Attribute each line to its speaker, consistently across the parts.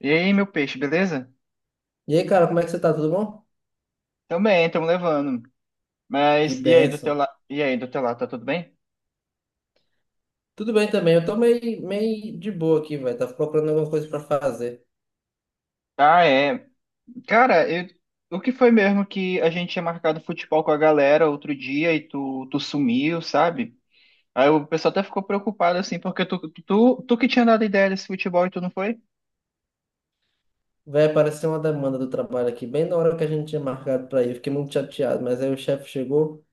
Speaker 1: E aí, meu peixe, beleza?
Speaker 2: E aí, cara, como é que você tá? Tudo bom?
Speaker 1: Também, estamos levando.
Speaker 2: Que benção.
Speaker 1: E aí do teu lado, tá tudo bem?
Speaker 2: Tudo bem também, eu tô meio de boa aqui, velho. Tava procurando alguma coisa pra fazer.
Speaker 1: Ah, é. Cara, o que foi mesmo que a gente tinha marcado futebol com a galera outro dia e tu sumiu, sabe? Aí o pessoal até ficou preocupado assim, porque tu que tinha dado ideia desse futebol e tu não foi?
Speaker 2: Vai aparecer uma demanda do trabalho aqui, bem na hora que a gente tinha marcado pra ir. Fiquei muito chateado, mas aí o chefe chegou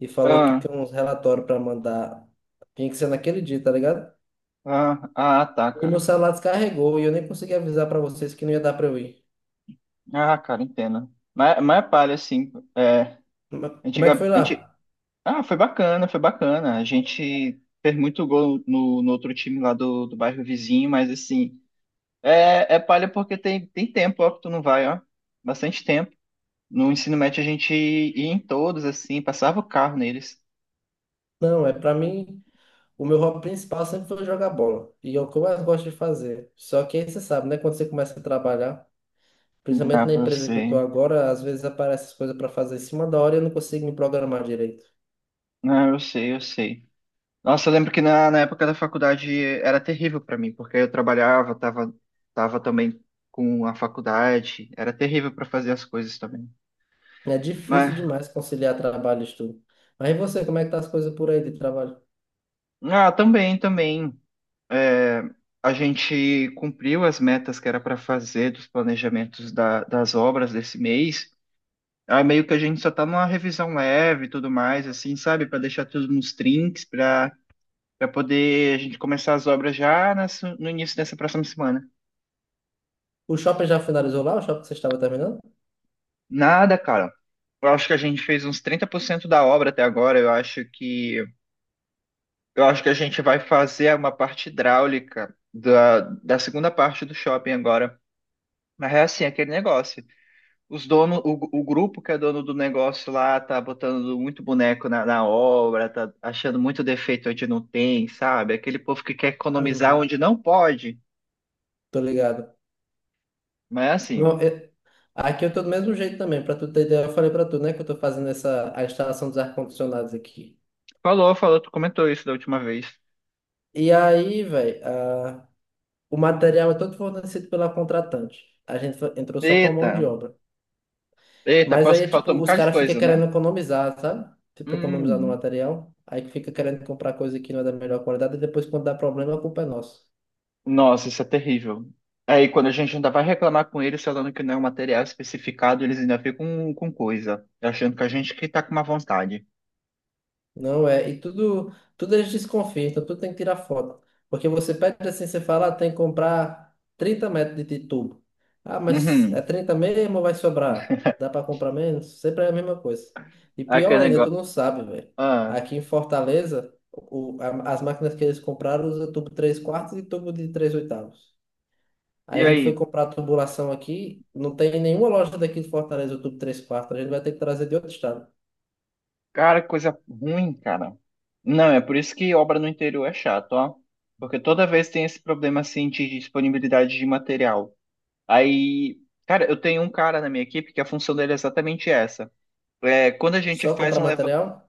Speaker 2: e falou que
Speaker 1: Ah,
Speaker 2: tem uns relatórios pra mandar. Tinha que ser naquele dia, tá ligado?
Speaker 1: ah, ah, tá,
Speaker 2: E meu
Speaker 1: cara.
Speaker 2: celular descarregou e eu nem consegui avisar pra vocês que não ia dar pra eu ir.
Speaker 1: Ah, cara, entendo. Mas é palha, assim. É,
Speaker 2: Mas como é que
Speaker 1: antiga.
Speaker 2: foi lá?
Speaker 1: Ah, foi bacana, foi bacana. A gente fez muito gol no outro time lá do bairro vizinho, mas assim, é palha porque tem tempo, ó, que tu não vai, ó. Bastante tempo. No ensino médio a gente ia em todos, assim, passava o carro neles.
Speaker 2: Não, é pra mim, o meu hobby principal sempre foi jogar bola. E é o que eu mais gosto de fazer. Só que aí você sabe, né? Quando você começa a trabalhar.
Speaker 1: Ah,
Speaker 2: Principalmente
Speaker 1: pra
Speaker 2: na empresa que eu tô
Speaker 1: você.
Speaker 2: agora, às vezes aparecem as coisas para fazer em cima da hora e eu não consigo me programar direito.
Speaker 1: Ah, eu sei, eu sei. Nossa, eu lembro que na época da faculdade era terrível pra mim, porque eu trabalhava, tava também com a faculdade, era terrível pra fazer as coisas também.
Speaker 2: É
Speaker 1: Mas
Speaker 2: difícil demais conciliar trabalho e estudo. Mas e você, como é que tá as coisas por aí de trabalho?
Speaker 1: também, também. É, a gente cumpriu as metas que era para fazer dos planejamentos da- das obras desse mês. Aí meio que a gente só tá numa revisão leve e tudo mais, assim, sabe? Para deixar tudo nos trinks para poder a gente começar as obras já no início dessa próxima semana.
Speaker 2: O shopping já finalizou lá? O shopping que você estava terminando?
Speaker 1: Nada, cara. Eu acho que a gente fez uns 30% da obra até agora. Eu acho que a gente vai fazer uma parte hidráulica da segunda parte do shopping agora. Mas é assim, é aquele negócio. Os donos, o grupo que é dono do negócio lá tá botando muito boneco na obra, tá achando muito defeito onde não tem, sabe? Aquele povo que quer economizar
Speaker 2: Uhum,
Speaker 1: onde não pode.
Speaker 2: tô ligado.
Speaker 1: Mas é assim,
Speaker 2: Não, eu- Aqui eu tô do mesmo jeito também, pra tu ter ideia, eu falei pra tu, né, que eu tô fazendo essa, a instalação dos ar-condicionados aqui.
Speaker 1: falou, falou, tu comentou isso da última vez.
Speaker 2: E aí, velho, o material é todo fornecido pela contratante. A gente entrou só com a mão de
Speaker 1: Eita,
Speaker 2: obra.
Speaker 1: eita,
Speaker 2: Mas
Speaker 1: parece
Speaker 2: aí
Speaker 1: que
Speaker 2: é tipo,
Speaker 1: faltou um
Speaker 2: os
Speaker 1: bocado de
Speaker 2: caras ficam
Speaker 1: coisa, né?
Speaker 2: querendo economizar, sabe? Tipo, economizar no
Speaker 1: Hum,
Speaker 2: material. Aí que fica querendo comprar coisa que não é da melhor qualidade e depois quando dá problema a culpa é nossa.
Speaker 1: nossa, isso é terrível. Aí quando a gente ainda vai reclamar com eles falando que não é um material especificado, eles ainda ficam com coisa, achando que a gente que tá com uma vontade.
Speaker 2: Não é. E tudo eles desconfiam, então tudo tem que tirar foto. Porque você pede assim, você fala, ah, tem que comprar 30 metros de tubo. Ah, mas é
Speaker 1: Uhum.
Speaker 2: 30 mesmo ou vai sobrar? Dá para comprar menos? Sempre é a mesma coisa. E
Speaker 1: Aquele
Speaker 2: pior ainda, tu
Speaker 1: negócio.
Speaker 2: não sabe, velho.
Speaker 1: Ah,
Speaker 2: Aqui em Fortaleza, as máquinas que eles compraram usam tubo 3 quartos e tubo de 3 oitavos. Aí
Speaker 1: e
Speaker 2: a gente foi
Speaker 1: aí?
Speaker 2: comprar a tubulação aqui, não tem nenhuma loja daqui de Fortaleza, o tubo três quartos, a gente vai ter que trazer de outro estado.
Speaker 1: Cara, que coisa ruim, cara. Não, é por isso que obra no interior é chato, ó. Porque toda vez tem esse problema assim de disponibilidade de material. Aí, cara, eu tenho um cara na minha equipe que a função dele é exatamente essa. É, quando a gente
Speaker 2: Só
Speaker 1: faz
Speaker 2: comprar
Speaker 1: um leva...
Speaker 2: material?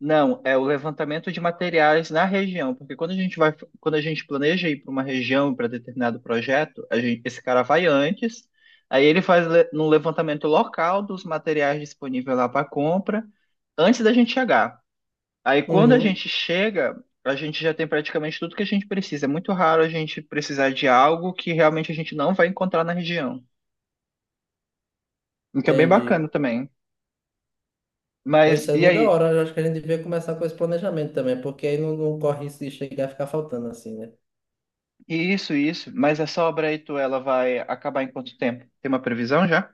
Speaker 1: Não, é o levantamento de materiais na região, porque quando a gente planeja ir para uma região para determinado projeto, esse cara vai antes, aí ele faz no levantamento local dos materiais disponíveis lá para compra antes da gente chegar. Aí quando a
Speaker 2: Uhum,
Speaker 1: gente chega, a gente já tem praticamente tudo que a gente precisa. É muito raro a gente precisar de algo que realmente a gente não vai encontrar na região. O que é bem bacana
Speaker 2: entendi.
Speaker 1: também.
Speaker 2: Então, isso
Speaker 1: Mas
Speaker 2: é
Speaker 1: e
Speaker 2: muito da
Speaker 1: aí?
Speaker 2: hora, eu acho que a gente devia começar com esse planejamento também, porque aí não corre risco de chegar a ficar faltando assim, né?
Speaker 1: E isso, isso. Mas essa obra aí, tu, ela vai acabar em quanto tempo? Tem uma previsão já?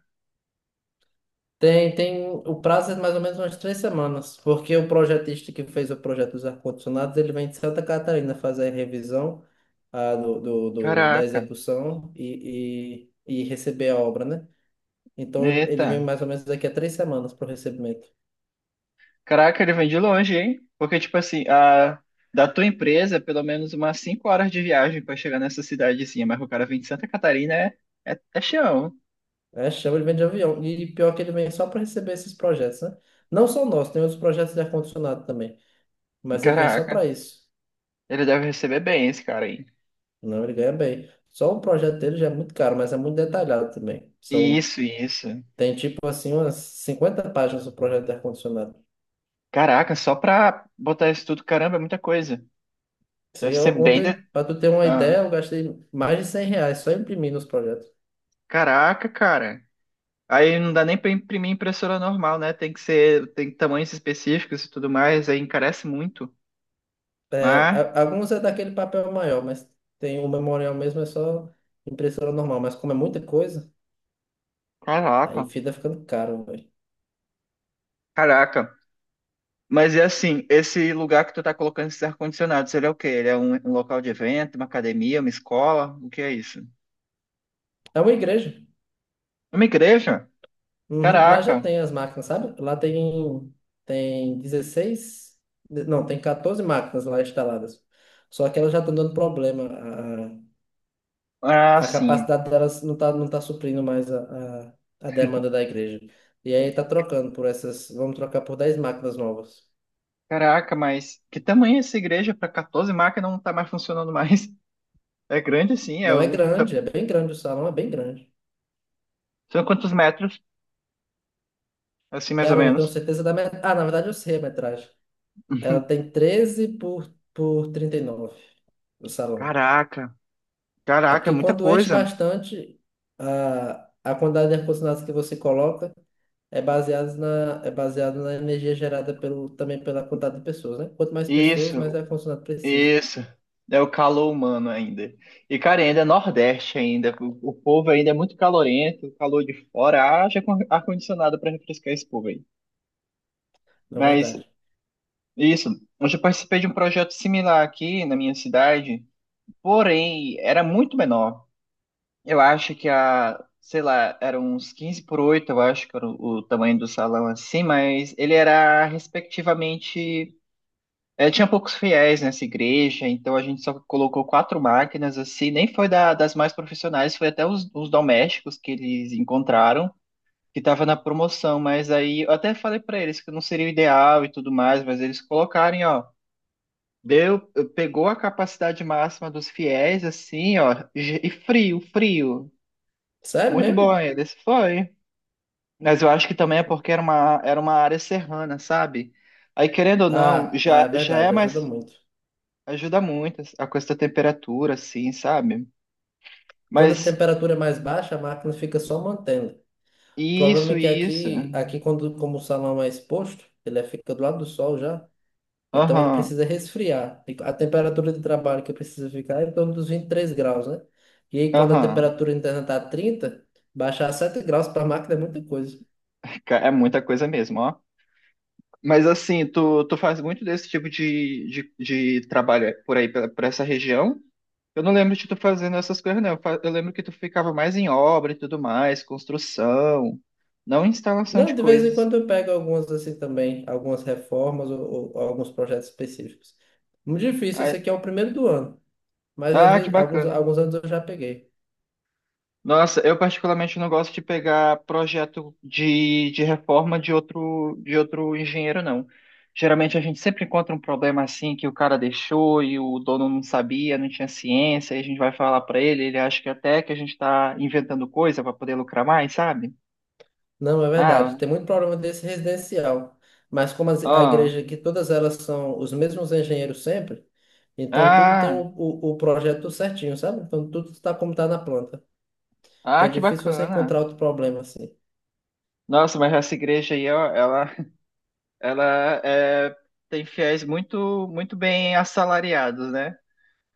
Speaker 2: Tem, tem, o prazo é mais ou menos umas três semanas, porque o projetista que fez o projeto dos ar-condicionados, ele vem de Santa Catarina fazer a revisão da
Speaker 1: Caraca.
Speaker 2: execução e receber a obra, né? Então ele
Speaker 1: Eita.
Speaker 2: vem mais ou menos daqui a três semanas para o recebimento.
Speaker 1: Caraca, ele vem de longe, hein? Porque, tipo assim, a... da tua empresa, pelo menos umas 5 horas de viagem pra chegar nessa cidadezinha. Mas o cara vem de Santa Catarina, é chão.
Speaker 2: É, chama, ele vem de avião. E pior que ele vem só para receber esses projetos, né? Não só nós, tem outros projetos de ar-condicionado também. Mas ele vem só para
Speaker 1: Caraca.
Speaker 2: isso.
Speaker 1: Ele deve receber bem esse cara aí.
Speaker 2: Não, ele ganha bem. Só o projeto dele já é muito caro, mas é muito detalhado também. São,
Speaker 1: Isso, isso.
Speaker 2: tem tipo assim umas 50 páginas do projeto de ar-condicionado.
Speaker 1: Caraca, só pra botar isso tudo, caramba, é muita coisa.
Speaker 2: Se
Speaker 1: Deve ser
Speaker 2: eu-
Speaker 1: bem. De...
Speaker 2: Ontem, para tu ter uma
Speaker 1: Ah,
Speaker 2: ideia, eu gastei mais de 100 reais só imprimindo os projetos.
Speaker 1: caraca, cara. Aí não dá nem pra imprimir em impressora normal, né? Tem que ser, tem tamanhos específicos e tudo mais, aí encarece muito.
Speaker 2: É,
Speaker 1: Mas,
Speaker 2: alguns é daquele papel maior, mas tem o memorial mesmo, é só impressora normal. Mas como é muita coisa, aí
Speaker 1: caraca,
Speaker 2: fica ficando caro, velho.
Speaker 1: caraca. Mas é assim, esse lugar que tu tá colocando esses ar-condicionados, ele é o quê? Ele é um, um local de evento, uma academia, uma escola? O que é isso?
Speaker 2: É uma igreja.
Speaker 1: Uma igreja?
Speaker 2: Uhum. Lá já
Speaker 1: Caraca.
Speaker 2: tem as máquinas, sabe? Lá tem, tem 16, não, tem 14 máquinas lá instaladas. Só que elas já estão dando problema.
Speaker 1: Ah,
Speaker 2: A
Speaker 1: sim.
Speaker 2: capacidade delas não tá suprindo mais a demanda da igreja. E aí tá trocando por essas, vamos trocar por 10 máquinas novas.
Speaker 1: Caraca, mas que tamanho é essa igreja para 14 máquinas não tá mais funcionando mais? É grande assim, é
Speaker 2: Não é
Speaker 1: um...
Speaker 2: grande, é bem grande o salão, é bem grande.
Speaker 1: são quantos metros? Assim mais ou
Speaker 2: Cara, eu não tenho
Speaker 1: menos.
Speaker 2: certeza da metragem. Ah, na verdade eu sei a metragem. Ela tem 13 por 39 o salão.
Speaker 1: Caraca,
Speaker 2: É
Speaker 1: caraca, é
Speaker 2: porque
Speaker 1: muita
Speaker 2: quando enche
Speaker 1: coisa.
Speaker 2: bastante, a quantidade de ar-condicionado que você coloca é baseado na energia gerada pelo, também pela quantidade de pessoas, né? Quanto mais pessoas, mais
Speaker 1: Isso,
Speaker 2: ar-condicionado precisa.
Speaker 1: isso. É o calor humano ainda. E, cara, ainda é Nordeste ainda. O povo ainda é muito calorento, o calor de fora. Haja com ar-condicionado para refrescar esse povo aí.
Speaker 2: Não é
Speaker 1: Mas,
Speaker 2: verdade.
Speaker 1: isso. Eu já participei de um projeto similar aqui na minha cidade, porém, era muito menor. Eu acho que a, sei lá, era uns 15 por 8. Eu acho que era o tamanho do salão assim, mas ele era respectivamente. É, tinha poucos fiéis nessa igreja, então a gente só colocou quatro máquinas assim, nem foi da- das mais profissionais, foi até os domésticos que eles encontraram, que estava na promoção, mas aí eu até falei para eles que não seria o ideal e tudo mais, mas eles colocarem, ó. Deu, pegou a capacidade máxima dos fiéis, assim, ó, e frio, frio.
Speaker 2: Sério
Speaker 1: Muito bom
Speaker 2: mesmo?
Speaker 1: ele, esse foi. Mas eu acho que também é porque era uma, área serrana, sabe? Aí, querendo ou não,
Speaker 2: É
Speaker 1: já é
Speaker 2: verdade, ajuda
Speaker 1: mais.
Speaker 2: muito.
Speaker 1: Ajuda muito a questão da temperatura, assim, sabe?
Speaker 2: Quando a
Speaker 1: Mas
Speaker 2: temperatura é mais baixa, a máquina fica só mantendo. O problema é
Speaker 1: isso,
Speaker 2: que
Speaker 1: isso.
Speaker 2: aqui quando, como o salão é exposto, fica do lado do sol já, então ele
Speaker 1: Aham,
Speaker 2: precisa resfriar. E a temperatura de trabalho que precisa ficar é em torno dos 23 graus, né? E aí quando a
Speaker 1: aham.
Speaker 2: temperatura interna tá trinta, baixar 7 graus para a máquina é muita coisa.
Speaker 1: Ca- É muita coisa mesmo, ó. Mas assim, tu faz muito desse tipo de trabalho por aí, pela- por essa região? Eu não lembro de tu fazendo essas coisas, não. Eu lembro que tu ficava mais em obra e tudo mais, construção, não instalação
Speaker 2: Não,
Speaker 1: de
Speaker 2: de vez em
Speaker 1: coisas.
Speaker 2: quando eu pego algumas assim também, algumas reformas ou alguns projetos específicos. Muito difícil,
Speaker 1: Ah,
Speaker 2: esse aqui é o primeiro do ano, mas às
Speaker 1: ah, que
Speaker 2: vezes
Speaker 1: bacana.
Speaker 2: alguns anos eu já peguei.
Speaker 1: Nossa, eu particularmente não gosto de pegar projeto de reforma de outro engenheiro, não. Geralmente a gente sempre encontra um problema assim que o cara deixou e o dono não sabia, não tinha ciência, e a gente vai falar pra ele, ele acha que até que a gente tá inventando coisa pra poder lucrar mais, sabe?
Speaker 2: Não, é
Speaker 1: Ah,
Speaker 2: verdade. Tem muito problema desse residencial. Mas como a
Speaker 1: ó,
Speaker 2: igreja aqui, todas elas são os mesmos engenheiros sempre, então tudo tem o,
Speaker 1: ah,
Speaker 2: o, o projeto certinho, sabe? Então tudo está como está na planta.
Speaker 1: ah,
Speaker 2: Então é
Speaker 1: que
Speaker 2: difícil você
Speaker 1: bacana.
Speaker 2: encontrar outro problema assim.
Speaker 1: Nossa, mas essa igreja aí, ó, ela, ela é, tem fiéis muito, muito bem assalariados, né?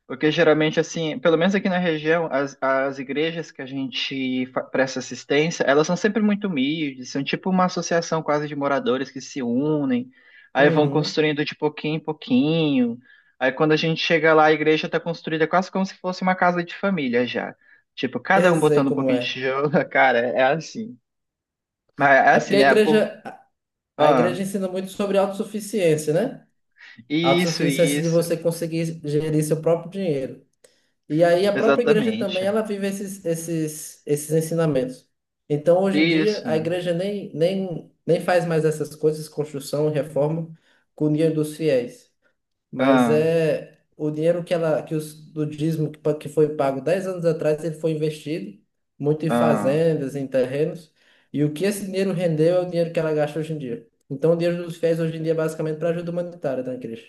Speaker 1: Porque geralmente, assim, pelo menos aqui na região, as igrejas que a gente presta assistência, elas são sempre muito humildes, são tipo uma associação quase de moradores que se unem, aí vão
Speaker 2: Uhum.
Speaker 1: construindo de pouquinho em pouquinho. Aí quando a gente chega lá, a igreja está construída quase como se fosse uma casa de família já. Tipo, cada
Speaker 2: Eu
Speaker 1: um
Speaker 2: sei
Speaker 1: botando um
Speaker 2: como
Speaker 1: pouquinho de
Speaker 2: é.
Speaker 1: tijolo na cara, é assim. Mas é
Speaker 2: É
Speaker 1: assim,
Speaker 2: porque
Speaker 1: né? Pô,
Speaker 2: a igreja
Speaker 1: ah,
Speaker 2: ensina muito sobre autossuficiência, né?
Speaker 1: isso,
Speaker 2: Autossuficiência é de
Speaker 1: isso,
Speaker 2: você conseguir gerir seu próprio dinheiro. E aí a própria igreja também,
Speaker 1: exatamente.
Speaker 2: ela vive esses ensinamentos. Então, hoje em dia,
Speaker 1: Isso,
Speaker 2: a igreja nem faz mais essas coisas, construção, reforma, com o dinheiro dos fiéis. Mas
Speaker 1: ah,
Speaker 2: é o dinheiro que do dízimo que foi pago 10 anos atrás, ele foi investido muito em
Speaker 1: ah.
Speaker 2: fazendas, em terrenos. E o que esse dinheiro rendeu é o dinheiro que ela gasta hoje em dia. Então, o dinheiro dos fiéis hoje em dia é basicamente para ajuda humanitária da igreja.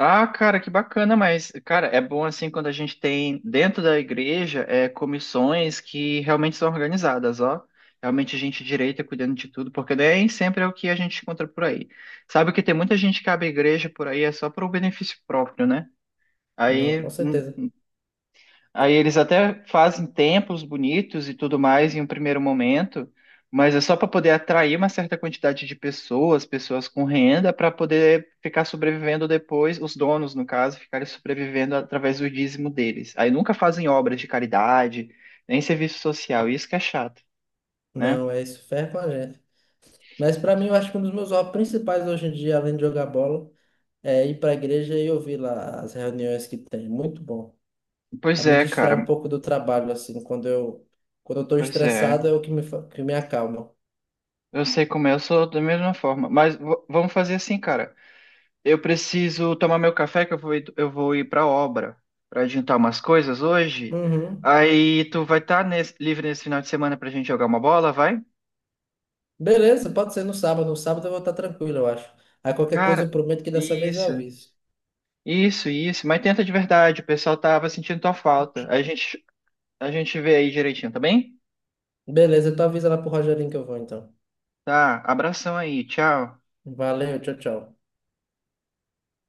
Speaker 1: Ah, cara, que bacana, mas, cara, é bom assim quando a gente tem dentro da igreja é, comissões que realmente são organizadas, ó. Realmente gente direita cuidando de tudo, porque nem sempre é o que a gente encontra por aí. Sabe que tem muita gente que abre igreja por aí é só para o benefício próprio, né?
Speaker 2: Não,
Speaker 1: Aí
Speaker 2: com certeza.
Speaker 1: Aí eles até fazem templos bonitos e tudo mais em um primeiro momento, mas é só para poder atrair uma certa quantidade de pessoas, pessoas com renda, para poder ficar sobrevivendo depois, os donos, no caso, ficarem sobrevivendo através do dízimo deles. Aí nunca fazem obras de caridade, nem serviço social, isso que é chato, né?
Speaker 2: Não, é isso, ferra com a gente. Mas para mim, eu acho que um dos meus hobbies principais hoje em dia, além de jogar bola, é ir para a igreja e ouvir lá as reuniões que tem. Muito bom. A
Speaker 1: Pois
Speaker 2: me
Speaker 1: é,
Speaker 2: distrai
Speaker 1: cara,
Speaker 2: um pouco do trabalho, assim, quando eu estou
Speaker 1: pois é.
Speaker 2: estressado é o que que me acalma.
Speaker 1: Eu sei como é, eu sou da mesma forma, mas vamos fazer assim, cara. Eu preciso tomar meu café que eu vou ir para obra para adiantar umas coisas hoje.
Speaker 2: Uhum.
Speaker 1: Aí tu vai estar livre nesse final de semana pra gente jogar uma bola, vai?
Speaker 2: Beleza, pode ser no sábado. No sábado eu vou estar tranquilo, eu acho. Aí qualquer coisa
Speaker 1: Cara,
Speaker 2: eu prometo que dessa vez eu
Speaker 1: isso,
Speaker 2: aviso.
Speaker 1: isso, isso. Mas tenta de verdade, o pessoal tava sentindo tua falta. A gente vê aí direitinho, tá bem?
Speaker 2: Beleza, tu avisa lá pro Rogerinho que eu vou então.
Speaker 1: Tá, abração aí, tchau.
Speaker 2: Valeu, tchau, tchau.